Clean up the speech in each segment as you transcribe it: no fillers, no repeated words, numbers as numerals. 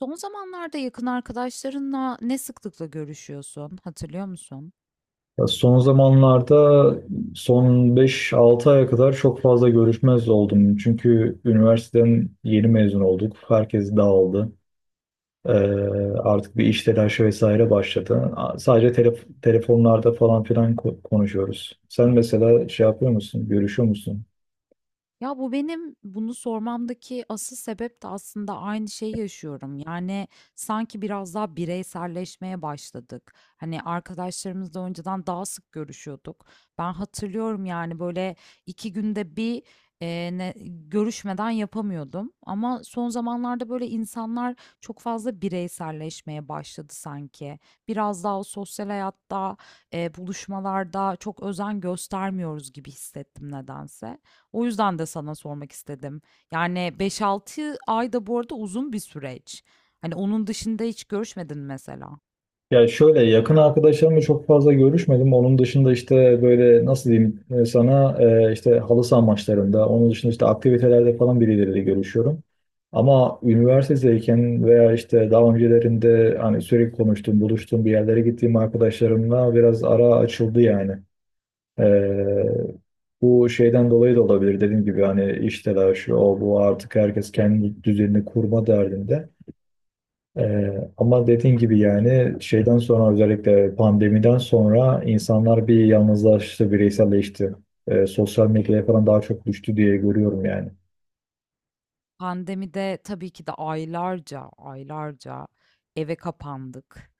Son zamanlarda yakın arkadaşlarınla ne sıklıkla görüşüyorsun, hatırlıyor musun? Ya, son zamanlarda son 5-6 aya kadar çok fazla görüşmez oldum. Çünkü üniversiteden yeni mezun olduk. Herkes dağıldı. Ee, artık bir iş telaşı vesaire başladı. Sadece telefonlarda falan filan konuşuyoruz. Sen mesela şey yapıyor musun? Görüşüyor musun? Ya bu benim bunu sormamdaki asıl sebep de aslında aynı şeyi yaşıyorum. Yani sanki biraz daha bireyselleşmeye başladık. Hani arkadaşlarımızla önceden daha sık görüşüyorduk. Ben hatırlıyorum yani böyle 2 günde bir e, ne- görüşmeden yapamıyordum. Ama son zamanlarda böyle insanlar çok fazla bireyselleşmeye başladı sanki. Biraz daha o sosyal hayatta, buluşmalarda çok özen göstermiyoruz gibi hissettim nedense. O yüzden de sana sormak istedim. Yani 5-6 ay da bu arada uzun bir süreç. Hani onun dışında hiç görüşmedin mi mesela. Ya, şöyle, yakın arkadaşlarımla çok fazla görüşmedim. Onun dışında işte, böyle nasıl diyeyim, sana işte halı saha maçlarında, onun dışında işte aktivitelerde falan birileriyle görüşüyorum. Ama üniversitedeyken veya işte daha öncelerinde hani sürekli konuştuğum, buluştuğum, bir yerlere gittiğim arkadaşlarımla biraz ara açıldı yani. E, bu şeyden dolayı da olabilir, dediğim gibi hani iş telaşı, o bu, artık herkes kendi düzenini kurma derdinde. Ama dediğin gibi yani şeyden sonra, özellikle pandemiden sonra insanlar bir yalnızlaştı, bireyselleşti. Sosyal medyaya falan daha çok düştü diye görüyorum yani. Pandemide tabii ki de aylarca, aylarca eve kapandık.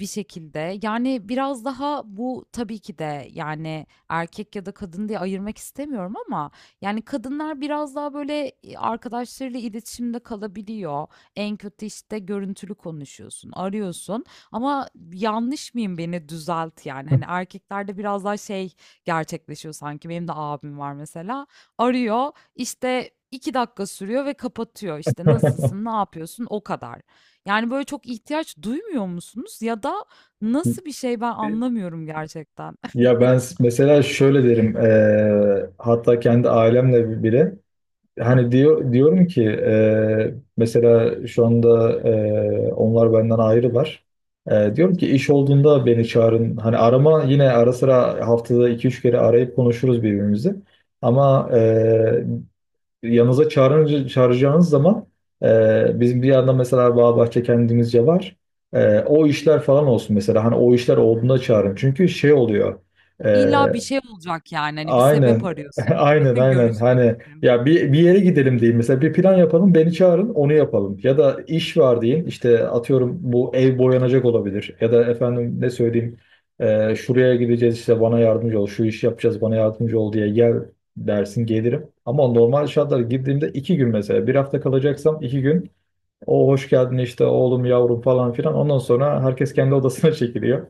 Bir şekilde. Yani, biraz daha bu tabii ki de, yani, erkek ya da kadın diye ayırmak istemiyorum ama, yani, kadınlar biraz daha, böyle, arkadaşlarıyla iletişimde kalabiliyor. En kötü, işte, görüntülü konuşuyorsun, arıyorsun ama yanlış mıyım, beni düzelt, yani. Hani, erkeklerde biraz daha şey gerçekleşiyor sanki. Benim de abim var mesela. Arıyor, işte, 2 dakika sürüyor ve kapatıyor. İşte "Nasılsın, ne yapıyorsun?" o kadar. Yani, böyle, çok ihtiyaç duymuyor musunuz ya da nasıl bir şey ben anlamıyorum gerçekten. Ya, ben mesela şöyle derim, hatta kendi ailemle bile hani diyorum ki, mesela şu anda onlar benden ayrılar. Diyorum ki, iş olduğunda beni çağırın. Hani arama, yine ara sıra haftada 2-3 kere arayıp konuşuruz birbirimizi. Ama yanınıza çağırınca, çağıracağınız zaman, bizim bir yandan mesela Bağbahçe kendimizce var. O işler falan olsun mesela. Hani o işler olduğunda çağırın. Çünkü şey oluyor. İlla bir şey olacak, yani, hani, bir sebep Aynen. arıyorsun Aynen, aynen. görüşmek Hani, için. ya bir, bir yere gidelim diyeyim. Mesela bir plan yapalım, beni çağırın, onu yapalım. Ya da iş var deyin. İşte atıyorum, bu ev boyanacak olabilir. Ya da efendim ne söyleyeyim? Şuraya gideceğiz, işte bana yardımcı ol. Şu işi yapacağız, bana yardımcı ol diye gel dersin, gelirim. Ama normal şartlarda girdiğimde 2 gün mesela. Bir hafta kalacaksam 2 gün. O hoş geldin işte, oğlum, yavrum falan filan. Ondan sonra herkes kendi odasına çekiliyor.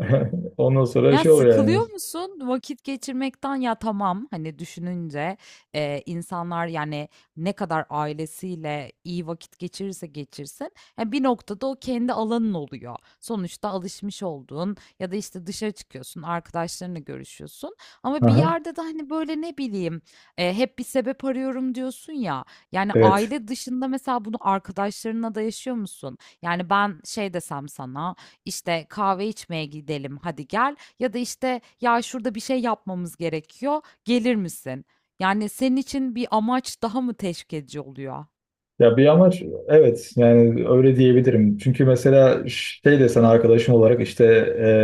Ondan sonra Ya şey oluyor yani. sıkılıyor musun vakit geçirmekten? Ya tamam hani düşününce insanlar yani ne kadar ailesiyle iyi vakit geçirirse geçirsin yani bir noktada o kendi alanın oluyor. Sonuçta alışmış olduğun ya da işte dışarı çıkıyorsun arkadaşlarınla görüşüyorsun ama bir Aha, yerde de hani böyle ne bileyim hep bir sebep arıyorum diyorsun ya yani evet. aile dışında mesela bunu arkadaşlarınla da yaşıyor musun? Yani ben şey desem sana işte kahve içmeye gidelim hadi gel. Ya da işte ya şurada bir şey yapmamız gerekiyor, gelir misin? Yani senin için bir amaç daha mı teşvik edici oluyor? Ya, bir amaç, evet, yani öyle diyebilirim. Çünkü mesela şey desen, arkadaşım olarak işte,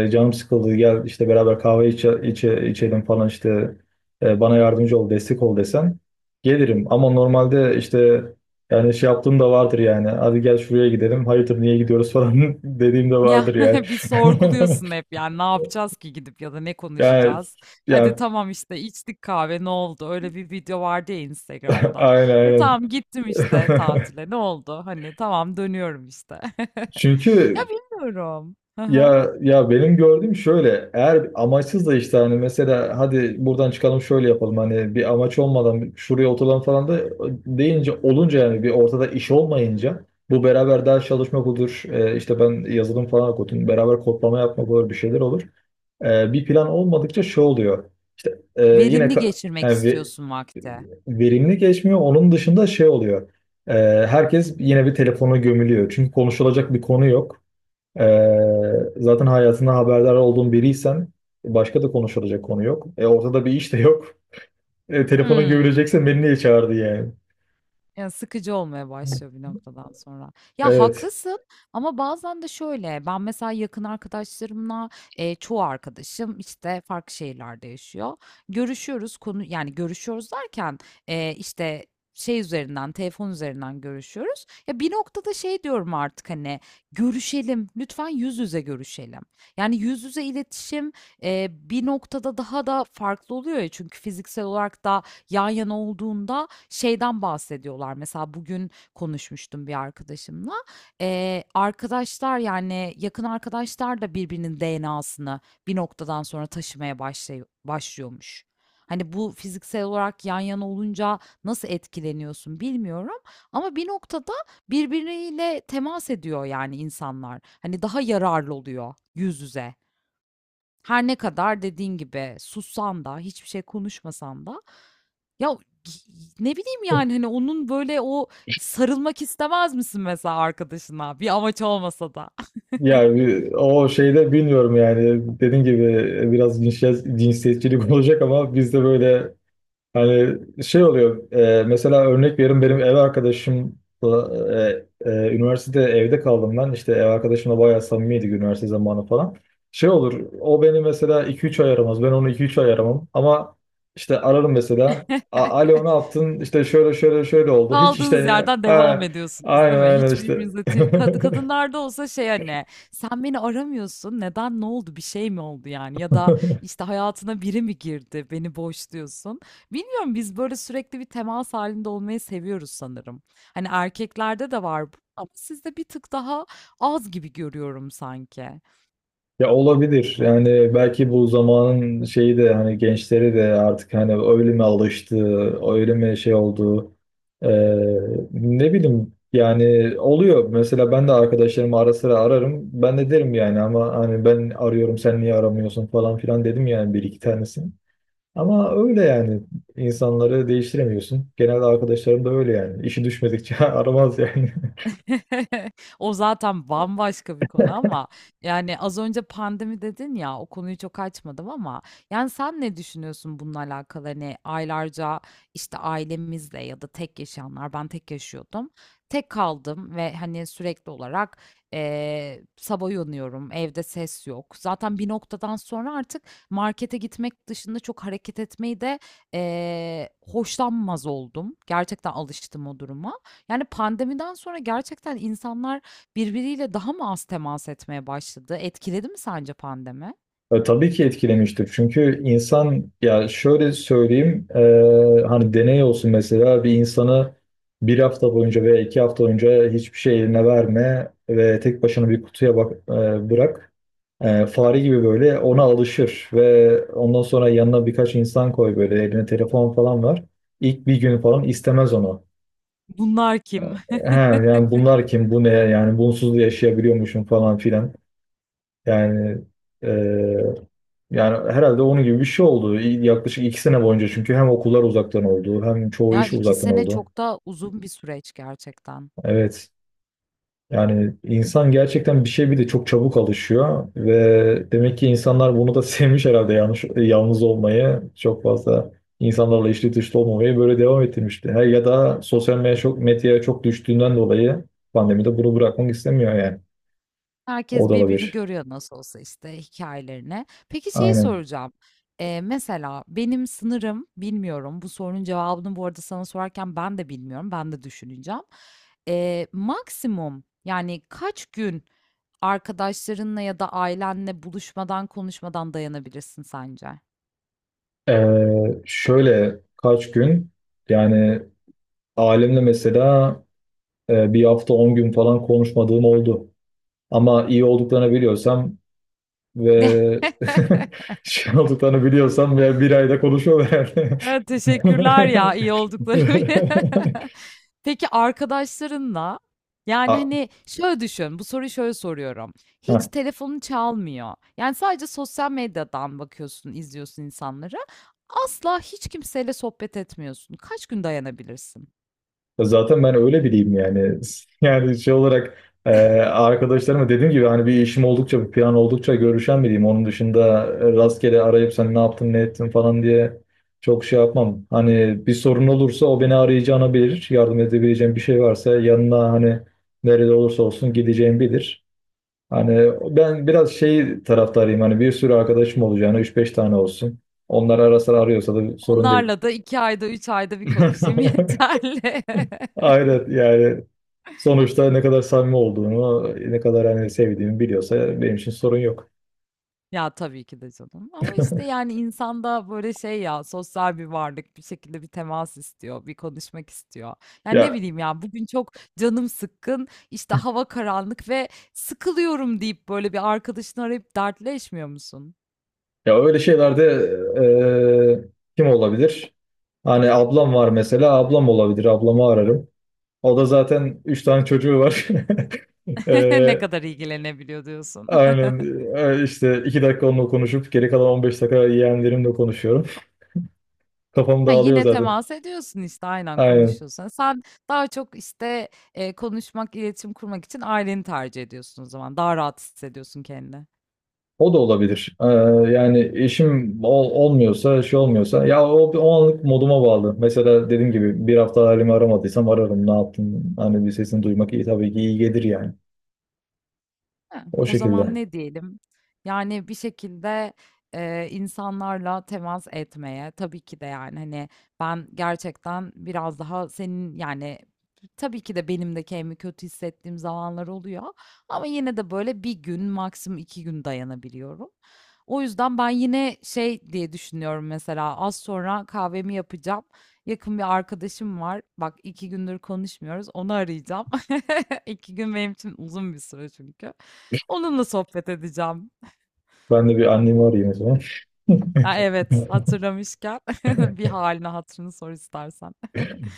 canım sıkıldı, gel işte beraber kahve içelim falan, işte bana yardımcı ol, destek ol desen, gelirim. Ama normalde işte, yani şey yaptığım da vardır yani, hadi gel şuraya gidelim, hayırdır niye gidiyoruz falan dediğim de Ya vardır yani. bir sorguluyorsun hep yani ne yapacağız ki gidip ya da ne Yani, konuşacağız? Hadi yani. tamam işte içtik kahve ne oldu? Öyle bir video vardı ya Aynen, Instagram'da. E aynen. tamam gittim işte tatile ne oldu? Hani tamam dönüyorum işte. Ya Çünkü... bilmiyorum. Hı hı. Ya, ya, benim gördüğüm şöyle, eğer amaçsız da işte, hani mesela hadi buradan çıkalım, şöyle yapalım, hani bir amaç olmadan şuraya oturalım falan da deyince, olunca, yani bir ortada iş olmayınca, bu beraber ders çalışmak olur, işte ben yazılım falan okudum, beraber kodlama yapmak olur, bir şeyler olur. Bir plan olmadıkça şey oluyor işte, Verimli geçirmek yani istiyorsun vakti. verimli geçmiyor, onun dışında şey oluyor. E, herkes yine bir telefona gömülüyor, çünkü konuşulacak bir konu yok. Zaten hayatından haberdar olduğun biriysen başka da konuşulacak konu yok. Ortada bir iş de yok. Telefona Hmm. görülecekse beni niye çağırdı yani? Ya sıkıcı olmaya başlıyor bir noktadan sonra. Ya Evet. haklısın ama bazen de şöyle ben mesela yakın arkadaşlarımla çoğu arkadaşım işte farklı şehirlerde yaşıyor. Görüşüyoruz konu yani görüşüyoruz derken işte şey üzerinden telefon üzerinden görüşüyoruz. Ya bir noktada şey diyorum artık hani görüşelim lütfen yüz yüze görüşelim. Yani yüz yüze iletişim bir noktada daha da farklı oluyor ya çünkü fiziksel olarak da yan yana olduğunda şeyden bahsediyorlar. Mesela bugün konuşmuştum bir arkadaşımla. Arkadaşlar yani yakın arkadaşlar da birbirinin DNA'sını bir noktadan sonra taşımaya başlıyormuş. Hani bu fiziksel olarak yan yana olunca nasıl etkileniyorsun bilmiyorum ama bir noktada birbiriyle temas ediyor yani insanlar. Hani daha yararlı oluyor yüz yüze. Her ne kadar dediğin gibi sussan da hiçbir şey konuşmasan da ya ne bileyim yani hani onun böyle o sarılmak istemez misin mesela arkadaşına bir amaç olmasa da. Yani o şeyde bilmiyorum yani. Dediğim gibi biraz cinsiyetçilik olacak ama, biz de böyle, hani şey oluyor, mesela örnek veriyorum, benim ev arkadaşımla üniversitede evde kaldım ben, işte ev arkadaşımla bayağı samimiydik, üniversite zamanı falan. Şey olur, o beni mesela 2-3 ay aramaz, ben onu 2-3 ay aramam, ama işte ararım mesela, "A- alo ne yaptın? İşte şöyle şöyle şöyle oldu, hiç Kaldığınız işte." yerden devam "Ha, ediyorsunuz, aynen, değil mi? aynen Hiç işte." birbirinize tir Kad kadınlarda olsa şey hani sen beni aramıyorsun. Neden? Ne oldu? Bir şey mi oldu yani? Ya da işte hayatına biri mi girdi? Beni boşluyorsun. Bilmiyorum biz böyle sürekli bir temas halinde olmayı seviyoruz sanırım. Hani erkeklerde de var bu ama sizde bir tık daha az gibi görüyorum sanki. Ya, olabilir. Yani belki bu zamanın şeyi de, hani gençleri de artık hani öyle mi alıştı, öyle mi şey oldu. Ee, ne bileyim yani, oluyor. Mesela ben de arkadaşlarımı ara sıra ararım. Ben de derim yani, ama hani ben arıyorum, sen niye aramıyorsun falan filan dedim yani bir iki tanesini. Ama öyle yani, insanları değiştiremiyorsun. Genelde arkadaşlarım da öyle yani. İşi düşmedikçe aramaz yani. O zaten bambaşka bir konu ama yani az önce pandemi dedin ya o konuyu çok açmadım ama yani sen ne düşünüyorsun bununla alakalı? Hani aylarca işte ailemizle ya da tek yaşayanlar ben tek yaşıyordum. Tek kaldım ve hani sürekli olarak sabah uyanıyorum evde ses yok. Zaten bir noktadan sonra artık markete gitmek dışında çok hareket etmeyi de hoşlanmaz oldum. Gerçekten alıştım o duruma. Yani, pandemiden sonra gerçekten insanlar birbiriyle daha mı az temas etmeye başladı? Etkiledi mi sence pandemi? Tabii ki etkilemiştir. Çünkü insan, ya şöyle söyleyeyim, hani deney olsun, mesela bir insanı bir hafta boyunca veya 2 hafta boyunca hiçbir şey eline verme ve tek başına bir kutuya bak, bırak. Fare gibi böyle ona alışır ve ondan sonra yanına birkaç insan koy, böyle eline telefon falan var. İlk bir gün falan istemez onu. Bunlar kim? He, yani bunlar kim, bu ne yani, bunsuz da yaşayabiliyormuşum falan filan. Yani e, yani herhalde onun gibi bir şey oldu. Yaklaşık 2 sene boyunca, çünkü hem okullar uzaktan oldu, hem çoğu Ya, iş iki uzaktan sene oldu. çok da uzun bir süreç gerçekten. Evet. Yani insan gerçekten bir şey, bir de çok çabuk alışıyor ve demek ki insanlar bunu da sevmiş herhalde, yalnız olmayı çok fazla, insanlarla içli dışlı olmamayı böyle devam ettirmişti. Her, ya da sosyal medyaya çok düştüğünden dolayı pandemide bunu bırakmak istemiyor yani. O Herkes da birbirini olabilir. görüyor nasıl olsa işte hikayelerini. Peki şey Aynen. soracağım. Mesela benim sınırım bilmiyorum. Bu sorunun cevabını bu arada sana sorarken ben de bilmiyorum. Ben de düşüneceğim. Maksimum yani kaç gün arkadaşlarınla ya da ailenle buluşmadan konuşmadan dayanabilirsin sence? Şöyle kaç gün, yani ailemle mesela, bir hafta 10 gün falan konuşmadığım oldu. Ama iyi olduklarını biliyorsam ve şey olduklarını biliyorsam, ya bir ayda konuşuyorlar yani. Evet, teşekkürler ya iyi oldukları. Peki arkadaşlarınla, yani, A- hani, şöyle düşün, bu soruyu şöyle soruyorum. Hiç telefonun çalmıyor. Yani, sadece sosyal medyadan bakıyorsun, izliyorsun insanları. Asla hiç kimseyle sohbet etmiyorsun. Kaç gün dayanabilirsin? Zaten ben öyle biriyim yani. Yani şey olarak, e, arkadaşlarıma dediğim gibi, hani bir işim oldukça, bir plan oldukça görüşen biriyim. Onun dışında rastgele arayıp sen ne yaptın, ne ettin falan diye çok şey yapmam. Hani bir sorun olursa o beni arayacağını bilir. Yardım edebileceğim bir şey varsa, yanına, hani nerede olursa olsun gideceğim bilir. Hani ben biraz şey taraftarıyım, hani bir sürü arkadaşım olacağını, üç beş tane olsun. Onlar ara sıra arıyorsa da sorun değil. Onlarla da 2 ayda, 3 ayda bir konuşayım yeterli. Aynen yani, sonuçta ne kadar samimi olduğunu, ne kadar hani sevdiğimi biliyorsa benim için sorun yok. Ya, tabii ki de canım ama, işte, yani, insan da, böyle, şey ya, sosyal bir varlık, bir şekilde bir temas istiyor, bir konuşmak istiyor. Yani, ne Ya, bileyim ya, bugün çok canım sıkkın, işte, hava karanlık ve sıkılıyorum deyip, böyle, bir arkadaşını arayıp dertleşmiyor musun? ya öyle şeylerde, eee, kim olabilir? Hani ablam var mesela, ablam olabilir. Ablamı ararım. O da zaten üç tane çocuğu var. Ne Eee, kadar ilgilenebiliyor diyorsun. aynen, işte 2 dakika onunla konuşup geri kalan 15 dakika yeğenlerimle konuşuyorum. Kafam Ha, dağılıyor yine zaten. temas ediyorsun, işte, aynen Aynen. konuşuyorsun. Sen daha çok, işte, konuşmak, iletişim kurmak için aileni tercih ediyorsun o zaman. Daha rahat hissediyorsun kendini. O da olabilir. Yani işim olmuyorsa, şey olmuyorsa. Ya o anlık moduma bağlı. Mesela dediğim gibi bir hafta halimi aramadıysam ararım. Ne yaptın? Hani bir sesini duymak iyi, tabii ki iyi gelir yani. He, O o zaman şekilde. ne diyelim? Yani bir şekilde, insanlarla temas etmeye, tabii ki de, yani, hani, ben gerçekten biraz daha senin, yani, tabii ki de benim de kendimi kötü hissettiğim zamanlar oluyor ama yine de böyle bir gün, maksimum 2 gün dayanabiliyorum. O yüzden ben yine şey diye düşünüyorum mesela, az sonra kahvemi yapacağım. Yakın bir arkadaşım var. Bak 2 gündür konuşmuyoruz. Onu arayacağım. 2 gün benim için uzun bir süre çünkü. Onunla sohbet edeceğim. Ben de bir annemi arayayım o zaman. Ha, evet, hatırlamışken bir haline hatırını sor istersen.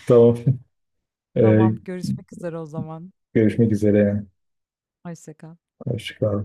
Tamam. Tamam, Ee, görüşmek üzere o zaman. görüşmek üzere. Hoşça kal. Hoşçakal.